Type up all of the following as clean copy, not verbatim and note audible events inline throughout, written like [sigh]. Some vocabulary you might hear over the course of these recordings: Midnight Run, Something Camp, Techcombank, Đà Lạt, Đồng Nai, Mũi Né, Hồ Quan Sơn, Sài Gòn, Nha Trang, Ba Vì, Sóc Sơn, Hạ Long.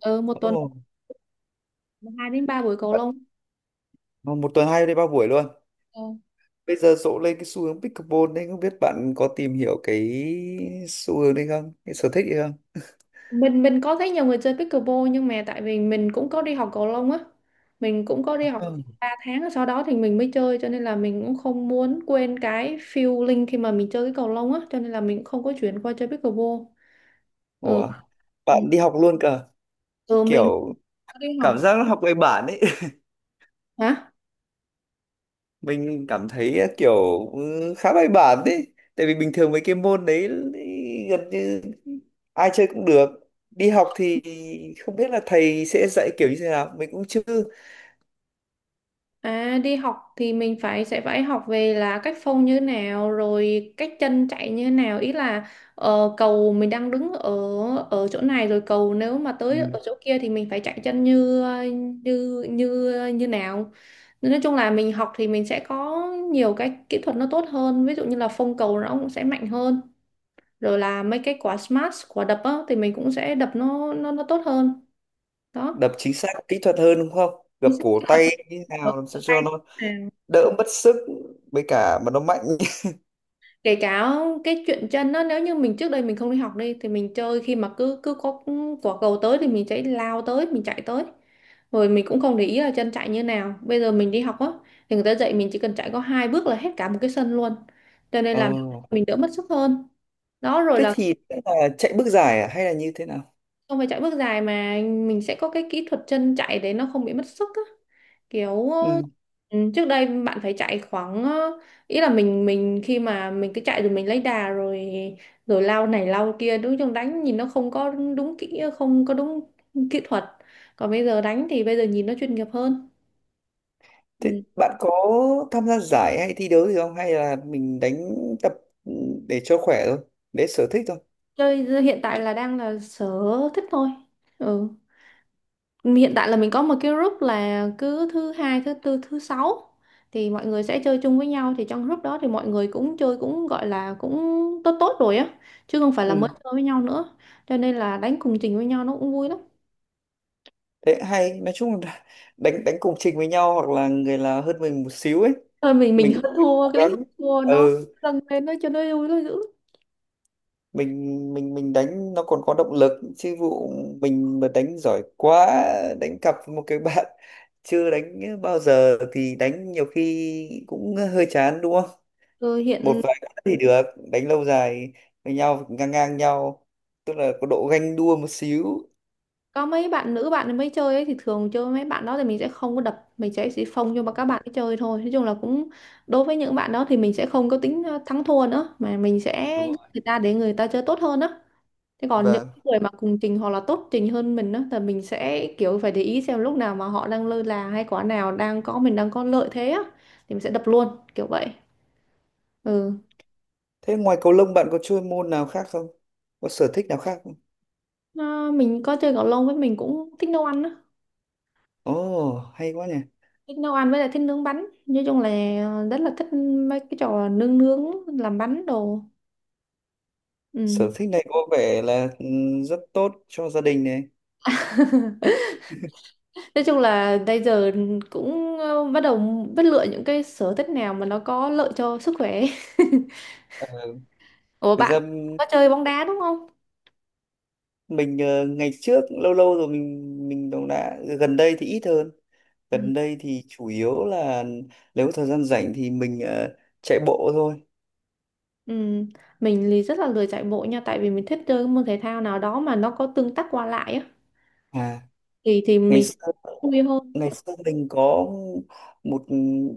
Ừ, một tuần Ồ, hai đến ba buổi cầu bạn- lông. ờ, một tuần hai đi ba buổi luôn. Ờ. Bây giờ rộ lên cái xu hướng pickleball đấy, không biết bạn có tìm hiểu cái xu hướng đấy không? Cái sở thích đấy không? Mình có thấy nhiều người chơi pickleball nhưng mà tại vì mình cũng có đi học cầu lông á, mình cũng có À, đi học vâng. 3 tháng rồi sau đó thì mình mới chơi, cho nên là mình cũng không muốn quên cái feeling khi mà mình chơi cái cầu lông á, cho nên là mình cũng không có chuyển qua chơi pickleball. Ừ. Ủa, Ừ. bạn đi học luôn cơ, Ừ, mình kiểu có đi học. cảm giác nó học bài bản ấy. [laughs] Hả? Mình cảm thấy kiểu khá bài bản đấy. Tại vì bình thường mấy cái môn đấy ý, gần như ai chơi cũng được. Đi học thì không biết là thầy sẽ dạy kiểu như thế nào, mình cũng chưa. À, đi học thì mình phải sẽ phải học về là cách phông như thế nào, rồi cách chân chạy như thế nào, ý là cầu mình đang đứng ở ở chỗ này rồi cầu nếu mà tới Ừ. ở chỗ kia thì mình phải chạy chân như như như như nào. Nên nói chung là mình học thì mình sẽ có nhiều cái kỹ thuật nó tốt hơn, ví dụ như là phông cầu nó cũng sẽ mạnh hơn, rồi là mấy cái quả smash, quả đập á, thì mình cũng sẽ đập nó tốt hơn đó. Đập chính xác kỹ thuật hơn đúng không? Gập Mình cổ tay như thế nào, làm sao cho nó sẽ- đỡ mất sức với cả mà nó mạnh. [laughs] kể cả cái chuyện chân đó, nếu như mình trước đây mình không đi học đi thì mình chơi khi mà cứ cứ có quả cầu tới thì mình sẽ lao tới, mình chạy tới, rồi mình cũng không để ý là chân chạy như nào. Bây giờ mình đi học á thì người ta dạy mình chỉ cần chạy có hai bước là hết cả một cái sân luôn, cho nên Ờ. là mình đỡ mất sức hơn đó. Rồi Thế là thì sẽ là chạy bước giải à? Hay là như thế nào? không phải chạy bước dài mà mình sẽ có cái kỹ thuật chân chạy để nó không bị mất sức á, kiểu Ừ. Trước đây bạn phải chạy khoảng ý là mình khi mà mình cứ chạy rồi mình lấy đà rồi rồi lao này lao kia, đối chung đánh nhìn nó không có đúng kỹ, không có đúng kỹ thuật. Còn bây giờ đánh thì bây giờ nhìn nó chuyên nghiệp hơn. Thế Ừ. bạn có tham gia giải hay thi đấu gì không, hay là mình đánh tập ừ, để cho khỏe thôi, để sở thích thôi? Chơi hiện tại là đang là sở thích thôi. Ừ. Hiện tại là mình có một cái group là cứ thứ hai, thứ tư, thứ sáu thì mọi người sẽ chơi chung với nhau, thì trong group đó thì mọi người cũng chơi cũng gọi là cũng tốt tốt rồi á, chứ không phải là mới Ừ. chơi với nhau nữa, cho nên là đánh cùng trình với nhau nó cũng vui lắm. Thế hay nói chung là [laughs] đánh đánh cùng trình với nhau, hoặc là người là hơn mình một xíu ấy. Thôi mình [laughs] hơn Mình thua, cố cái đánh hơn gắng. thua nó Ừ. dâng lên nó cho nó vui nó dữ. Mình đánh nó còn có động lực, chứ vụ mình mà đánh giỏi quá, đánh cặp với một cái [laughs] bạn chưa đánh bao giờ thì đánh nhiều khi cũng hơi chán đúng không? ừ, Một hiện vài cái thì được, đánh lâu dài với nhau, ngang ngang nhau, tức là có độ ganh đua một xíu. có mấy bạn nữ, bạn mới chơi ấy, thì thường chơi với mấy bạn đó thì mình sẽ không có đập, mình sẽ chỉ phông cho mà các bạn ấy chơi thôi. Nói chung là cũng đối với những bạn đó thì mình sẽ không có tính thắng thua nữa mà mình sẽ Đúng nhắc rồi. người ta để người ta chơi tốt hơn á. Thế còn những Vâng. người mà cùng trình hoặc là tốt trình hơn mình á thì mình sẽ kiểu phải để ý xem lúc nào mà họ đang lơ là hay quả nào đang có mình đang có lợi thế á thì mình sẽ đập luôn kiểu vậy. Ừ. Thế ngoài cầu lông bạn có chơi môn nào khác không, có sở thích nào khác không? Ờ, mình có chơi cầu lông, với mình cũng thích nấu ăn á, Ồ. Oh, hay quá nhỉ. thích nấu ăn với lại thích nướng bánh, nói chung là rất là thích mấy cái trò nướng nướng làm bánh đồ. Sở Ừ. thích này có vẻ là rất tốt cho gia đình này. Nói chung là bây giờ cũng bắt đầu biết lựa những cái sở thích nào mà nó có lợi cho sức khỏe. Ờ, [laughs] Ủa, Thực bạn ra có chơi bóng đá đúng không? mình ngày trước lâu lâu rồi mình cũng đã, gần đây thì ít hơn. Ừ. Gần đây thì chủ yếu là nếu có thời gian rảnh thì mình chạy bộ thôi. Ừ. Mình thì rất là lười chạy bộ nha, tại vì mình thích chơi cái môn thể thao nào đó mà nó có tương tác qua lại á, À. thì ngày mình sẽ xưa vui hơn. ngày xưa mình có một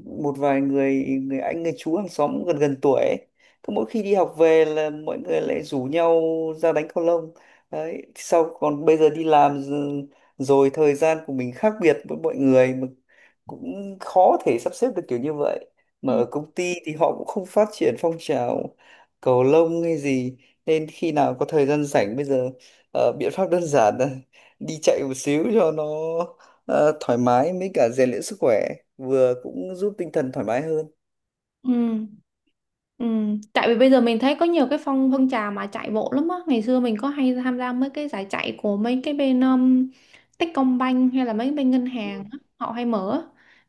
một vài người người anh, người chú hàng xóm gần gần tuổi ấy. Cứ mỗi khi đi học về là mọi người lại rủ nhau ra đánh cầu lông. Đấy, sau còn bây giờ đi làm rồi, thời gian của mình khác biệt với mọi người, mà cũng khó thể sắp xếp được kiểu như vậy. Ừ. Mà ở công ty thì họ cũng không phát triển phong trào cầu lông hay gì, nên khi nào có thời gian rảnh bây giờ biện pháp đơn giản là đi chạy một xíu cho nó thoải mái, mới cả rèn luyện sức khỏe, vừa cũng giúp tinh thần thoải mái hơn. Ừ. Ừ. Tại vì bây giờ mình thấy có nhiều cái phong phong trào mà chạy bộ lắm á. Ngày xưa mình có hay tham gia mấy cái giải chạy của mấy cái bên Techcombank hay là mấy bên ngân hàng Ừ. á. Họ hay mở á.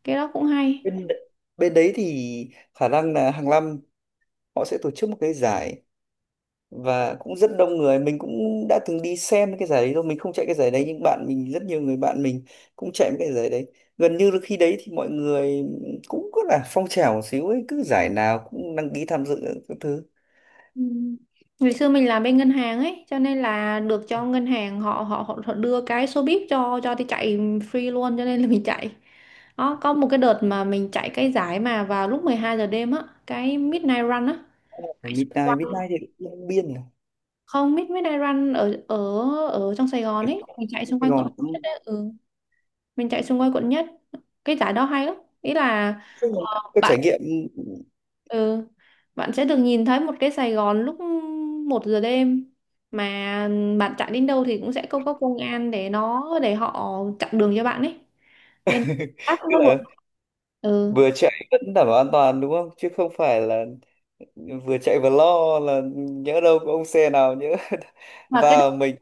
Cái đó cũng hay. bên bên đấy thì khả năng là hàng năm họ sẽ tổ chức một cái giải và cũng rất đông người. Mình cũng đã từng đi xem cái giải đấy rồi, mình không chạy cái giải đấy nhưng bạn mình, rất nhiều người bạn mình cũng chạy cái giải đấy. Gần như là khi đấy thì mọi người cũng có là phong trào một xíu ấy, cứ giải nào cũng đăng ký tham dự các thứ. Ừ. Ngày xưa mình làm bên ngân hàng ấy, cho nên là được cho ngân hàng họ đưa cái số bib cho đi chạy free luôn, cho nên là mình chạy. Đó, có một cái đợt mà mình chạy cái giải mà vào lúc 12 giờ đêm á, cái Midnight Run á, Ở chạy xung Midnight quanh, Midnight thì Long Biên này, không, Midnight Run ở ở ở trong Sài Gòn ấy, mình chạy xung Sài quanh quận Gòn cũng nhất ấy. Ừ. Mình chạy xung quanh quận nhất, cái giải đó hay lắm, ý là ờ, có trải bạn, nghiệm. ừ, bạn sẽ được nhìn thấy một cái Sài Gòn lúc một giờ đêm, mà bạn chạy đến đâu thì cũng sẽ có công an để nó để họ chặn đường cho bạn ấy, nên là [laughs] Tức nó vượt là ừ vừa chạy vẫn đảm bảo an toàn đúng không, chứ không phải là vừa chạy vừa lo là nhỡ đâu có ông xe nào nhỡ [laughs] và cái, vào mình.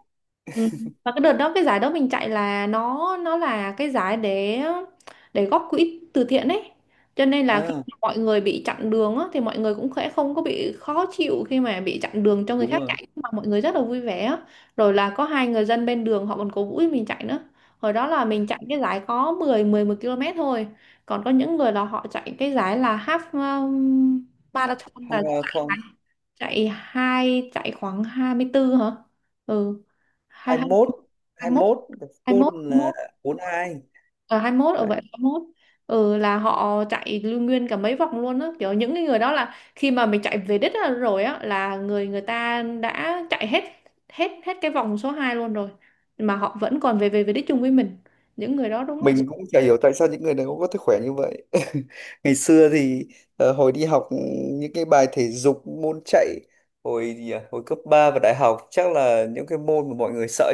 ừ, mà cái đợt đó cái giải đó mình chạy là nó là cái giải để góp quỹ từ thiện ấy, cho nên là khi À, mà mọi người bị chặn đường á, thì mọi người cũng sẽ không có bị khó chịu khi mà bị chặn đường cho người đúng khác rồi. chạy mà mọi người rất là vui vẻ á. Rồi là có hai người dân bên đường họ còn cổ vũ cho mình chạy nữa. Hồi đó là mình chạy cái giải có 10 11 km thôi, còn có những người là họ chạy cái giải là half um, marathon là Hamilton, chạy hai chạy khoảng 24 hả, ừ, hai hai hai mốt hai hai mốt, mốt còn hai mốt full hai là mốt 42. ở hai mốt ở Đấy. vậy hai mốt. Ừ là họ chạy lưu nguyên cả mấy vòng luôn á, kiểu những cái người đó là khi mà mình chạy về đích á, rồi á là người, người ta đã chạy hết hết hết cái vòng số 2 luôn rồi mà họ vẫn còn về về về đích chung với mình, những người đó đúng là Mình cũng chả hiểu tại sao những người này cũng có thể khỏe như vậy. [laughs] Ngày xưa thì hồi đi học, những cái bài thể dục môn chạy, hồi gì à? Hồi cấp 3 và đại học chắc là những cái môn mà mọi người sợ.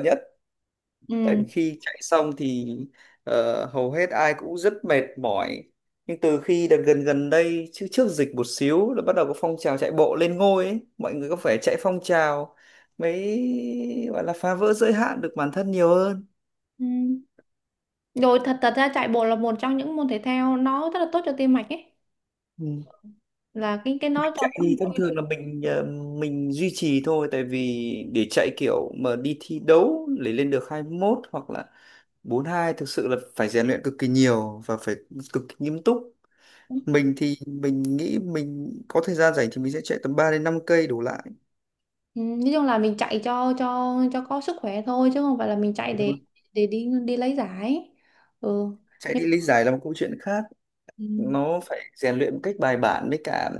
Tại ừ, vì khi chạy xong thì hầu hết ai cũng rất mệt mỏi. Nhưng từ khi đợt gần gần đây, chứ trước dịch một xíu là bắt đầu có phong trào chạy bộ lên ngôi ấy. Mọi người có phải chạy phong trào mới gọi là phá vỡ giới hạn được bản thân nhiều hơn. ừ. Rồi thật thật ra chạy bộ là một trong những môn thể thao nó rất là tốt cho tim mạch ấy, Ừ. là cái nó Mình cho. chạy thì thông thường là mình duy trì thôi, tại vì để chạy kiểu mà đi thi đấu để lên được 21 hoặc là 42 thực sự là phải rèn luyện cực kỳ nhiều và phải cực kỳ nghiêm túc. Mình thì mình nghĩ mình có thời gian rảnh thì mình sẽ chạy tầm 3 đến 5 cây đổ lại. Ừ, nói chung là mình chạy cho cho có sức khỏe thôi chứ không phải là mình chạy Đúng không? để đi đi lấy giải. Ừ Chạy nhưng. đi lý giải là một câu chuyện khác, nó phải rèn luyện một cách bài bản, với cả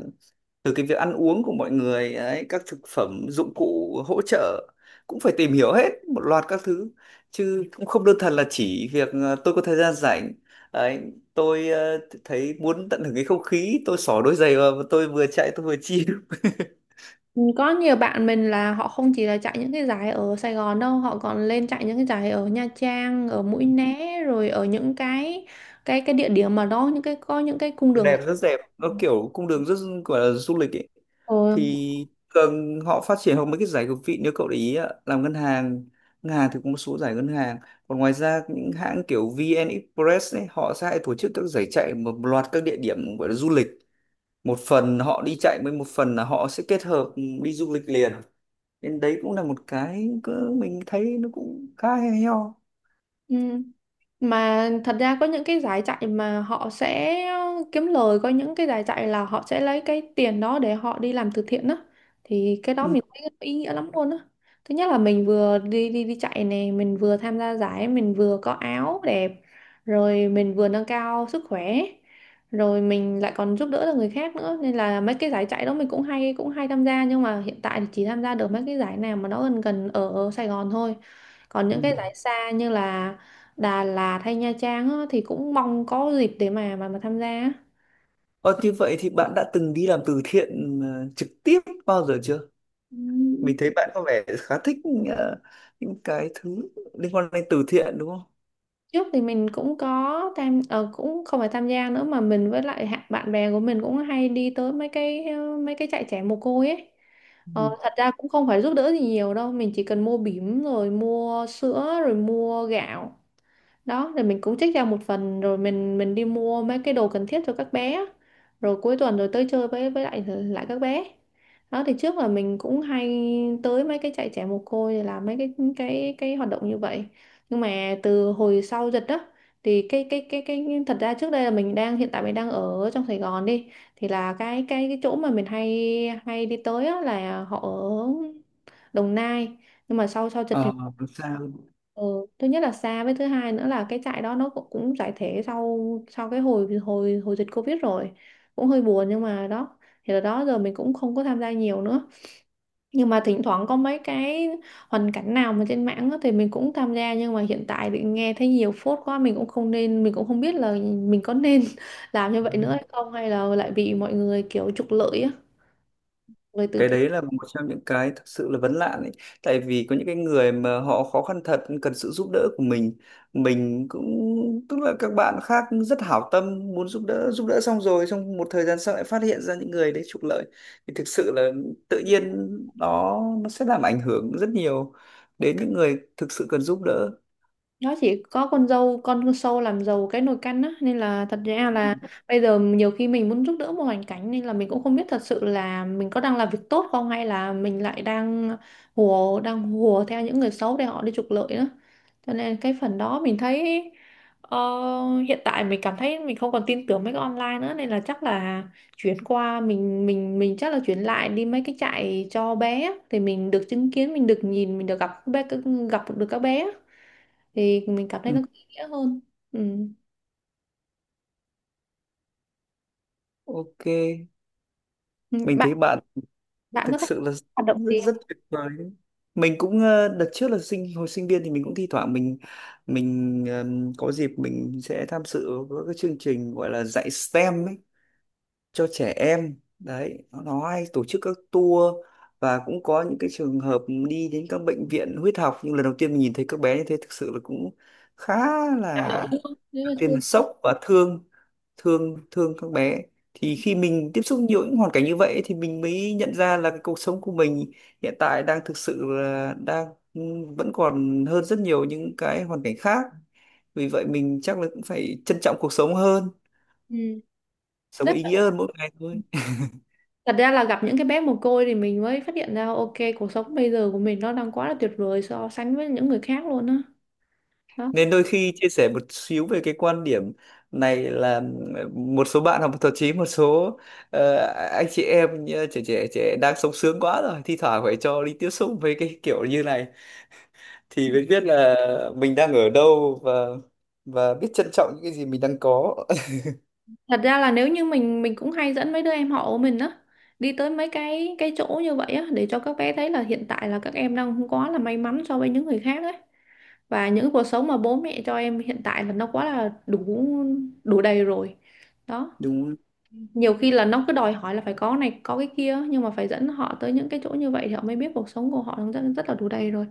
từ cái việc ăn uống của mọi người ấy, các thực phẩm dụng cụ hỗ trợ cũng phải tìm hiểu hết một loạt các thứ, chứ cũng không đơn thuần là chỉ việc tôi có thời gian rảnh ấy, tôi thấy muốn tận hưởng cái không khí, tôi xỏ đôi giày vào và tôi vừa chạy tôi vừa chill. [laughs] Ừ, có nhiều bạn mình là họ không chỉ là chạy những cái giải ở Sài Gòn đâu, họ còn lên chạy những cái giải ở Nha Trang, ở Mũi Né, rồi ở những cái địa điểm mà nó những cái có những cái cung đường. Đẹp, rất đẹp, nó kiểu cung đường rất, gọi là du lịch ấy. Ừ. Thì thường họ phát triển hoặc mấy cái giải cực vị, nếu cậu để ý ạ, làm ngân hàng, ngân hàng thì có một số giải ngân hàng. Còn ngoài ra những hãng kiểu VN Express ấy họ sẽ hay tổ chức các giải chạy một loạt các địa điểm gọi là du lịch. Một phần họ đi chạy, với một phần là họ sẽ kết hợp đi du lịch liền, nên đấy cũng là một cái cứ mình thấy nó cũng khá hay ho. Ừ. Mà thật ra có những cái giải chạy mà họ sẽ kiếm lời, có những cái giải chạy là họ sẽ lấy cái tiền đó để họ đi làm từ thiện đó, thì cái đó Ừ. mình thấy nó ý nghĩa lắm luôn á. Thứ nhất là mình vừa đi đi đi chạy này, mình vừa tham gia giải, mình vừa có áo đẹp, rồi mình vừa nâng cao sức khỏe, rồi mình lại còn giúp đỡ được người khác nữa, nên là mấy cái giải chạy đó mình cũng hay tham gia, nhưng mà hiện tại thì chỉ tham gia được mấy cái giải nào mà nó gần gần ở Sài Gòn thôi, còn Ừ. những cái giải xa như là Đà Lạt hay Nha Trang á, thì cũng mong có dịp để mà tham gia á. Ờ, Như vậy thì bạn đã từng đi làm từ thiện trực tiếp bao giờ chưa? Ừ. Mình thấy bạn có vẻ khá thích ờ, những cái thứ liên quan đến từ thiện đúng không? Trước thì mình cũng có tham cũng không phải tham gia nữa mà mình với lại hạ- bạn bè của mình cũng hay đi tới mấy cái mấy cái trại trẻ mồ côi ấy. Ờ, Ừ. thật ra cũng không phải giúp đỡ gì nhiều đâu, mình chỉ cần mua bỉm rồi mua sữa rồi mua gạo đó, rồi mình cũng trích ra một phần rồi mình đi mua mấy cái đồ cần thiết cho các bé, rồi cuối tuần rồi tới chơi với lại lại các bé đó. Thì trước là mình cũng hay tới mấy cái trại trẻ mồ côi để làm mấy cái hoạt động như vậy, nhưng mà từ hồi sau dịch đó thì cái thật ra trước đây là mình đang, hiện tại mình đang ở trong Sài Gòn đi, thì là cái chỗ mà mình hay hay đi tới á là họ ở Đồng Nai, nhưng mà sau sau dịch thì. Ờ, làm sao? Ừ, thứ nhất là xa, với thứ hai nữa là cái trại đó nó cũng, cũng giải thể sau sau cái hồi hồi hồi dịch Covid rồi, cũng hơi buồn nhưng mà đó, thì là đó giờ mình cũng không có tham gia nhiều nữa, nhưng mà thỉnh thoảng có mấy cái hoàn cảnh nào mà trên mạng á thì mình cũng tham gia, nhưng mà hiện tại thì nghe thấy nhiều phốt quá, mình cũng không, nên mình cũng không biết là mình có nên [laughs] làm như vậy nữa hay không hay là lại bị mọi người kiểu trục lợi á, người từ Cái thiện. đấy là một trong những cái thực sự là vấn nạn ấy. Tại vì có những cái người mà họ khó khăn thật cần sự giúp đỡ của mình. Mình cũng tức là các bạn khác rất hảo tâm muốn giúp đỡ xong rồi trong một thời gian sau lại phát hiện ra những người đấy trục lợi, thì thực sự là tự nhiên nó sẽ làm ảnh hưởng rất nhiều đến những người thực sự cần giúp đỡ. Nó chỉ có con dâu con sâu làm giàu cái nồi canh á, nên là thật ra là bây giờ nhiều khi mình muốn giúp đỡ một hoàn cảnh, nên là mình cũng không biết thật sự là mình có đang làm việc tốt không hay là mình lại đang hùa, đang hùa theo những người xấu để họ đi trục lợi nữa, cho nên cái phần đó mình thấy ờ, hiện tại mình cảm thấy mình không còn tin tưởng mấy cái online nữa, nên là chắc là chuyển qua mình chắc là chuyển lại đi mấy cái trại cho bé á, thì mình được chứng kiến, mình được nhìn, mình được gặp các bé, gặp được các bé á, thì mình cảm thấy Ừ, nó có ý nghĩa hơn. Ừ. ok. Ừ, Mình bạn, thấy bạn bạn có thực thích sự là rất, hoạt động gì rất không? tuyệt vời đấy. Mình cũng đợt trước là hồi sinh viên thì mình cũng thi thoảng mình có dịp mình sẽ tham dự các cái chương trình gọi là dạy STEM ấy, cho trẻ em đấy. Nó hay tổ chức các tour và cũng có những cái trường hợp đi đến các bệnh viện huyết học, nhưng lần đầu tiên mình nhìn thấy các bé như thế thực sự là cũng khá Gặp là đội luôn nếu mà tiên thương. là sốc và thương thương thương các bé. Thì khi mình tiếp xúc nhiều những hoàn cảnh như vậy thì mình mới nhận ra là cái cuộc sống của mình hiện tại đang thực sự là đang vẫn còn hơn rất nhiều những cái hoàn cảnh khác, vì vậy mình chắc là cũng phải trân trọng cuộc sống hơn, Ừ. sống Rất. ý nghĩa hơn mỗi ngày thôi. Thật ra là gặp những cái bé mồ côi thì mình mới phát hiện ra ok, cuộc sống bây giờ của mình nó đang quá là tuyệt vời so sánh với những người khác luôn á. Đó. Nên đôi khi chia sẻ một xíu về cái quan điểm này là một số bạn học, thậm chí một số ờ, anh chị em như trẻ trẻ trẻ đang sống sướng quá rồi, thi thoảng phải cho đi tiếp xúc với cái kiểu như này thì mới biết là mình đang ở đâu và biết trân trọng những cái gì mình đang có. Thật ra là nếu như mình cũng hay dẫn mấy đứa em họ của mình á, đi tới mấy cái chỗ như vậy á để cho các bé thấy là hiện tại là các em đang không quá là may mắn so với những người khác ấy. Và những cuộc sống mà bố mẹ cho em hiện tại là nó quá là đủ, đủ đầy rồi đó. [laughs] Đúng. Nhiều khi là nó cứ đòi hỏi là phải có này có cái kia, nhưng mà phải dẫn họ tới những cái chỗ như vậy thì họ mới biết cuộc sống của họ rất, rất là đủ đầy rồi.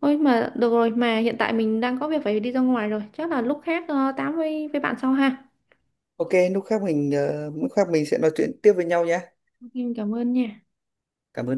Ôi mà được rồi, mà hiện tại mình đang có việc phải đi ra ngoài rồi, chắc là lúc khác tám với bạn sau ha. Ok, lúc khác mình sẽ nói chuyện tiếp với nhau nhé. Ok, em cảm ơn nha. Cảm ơn.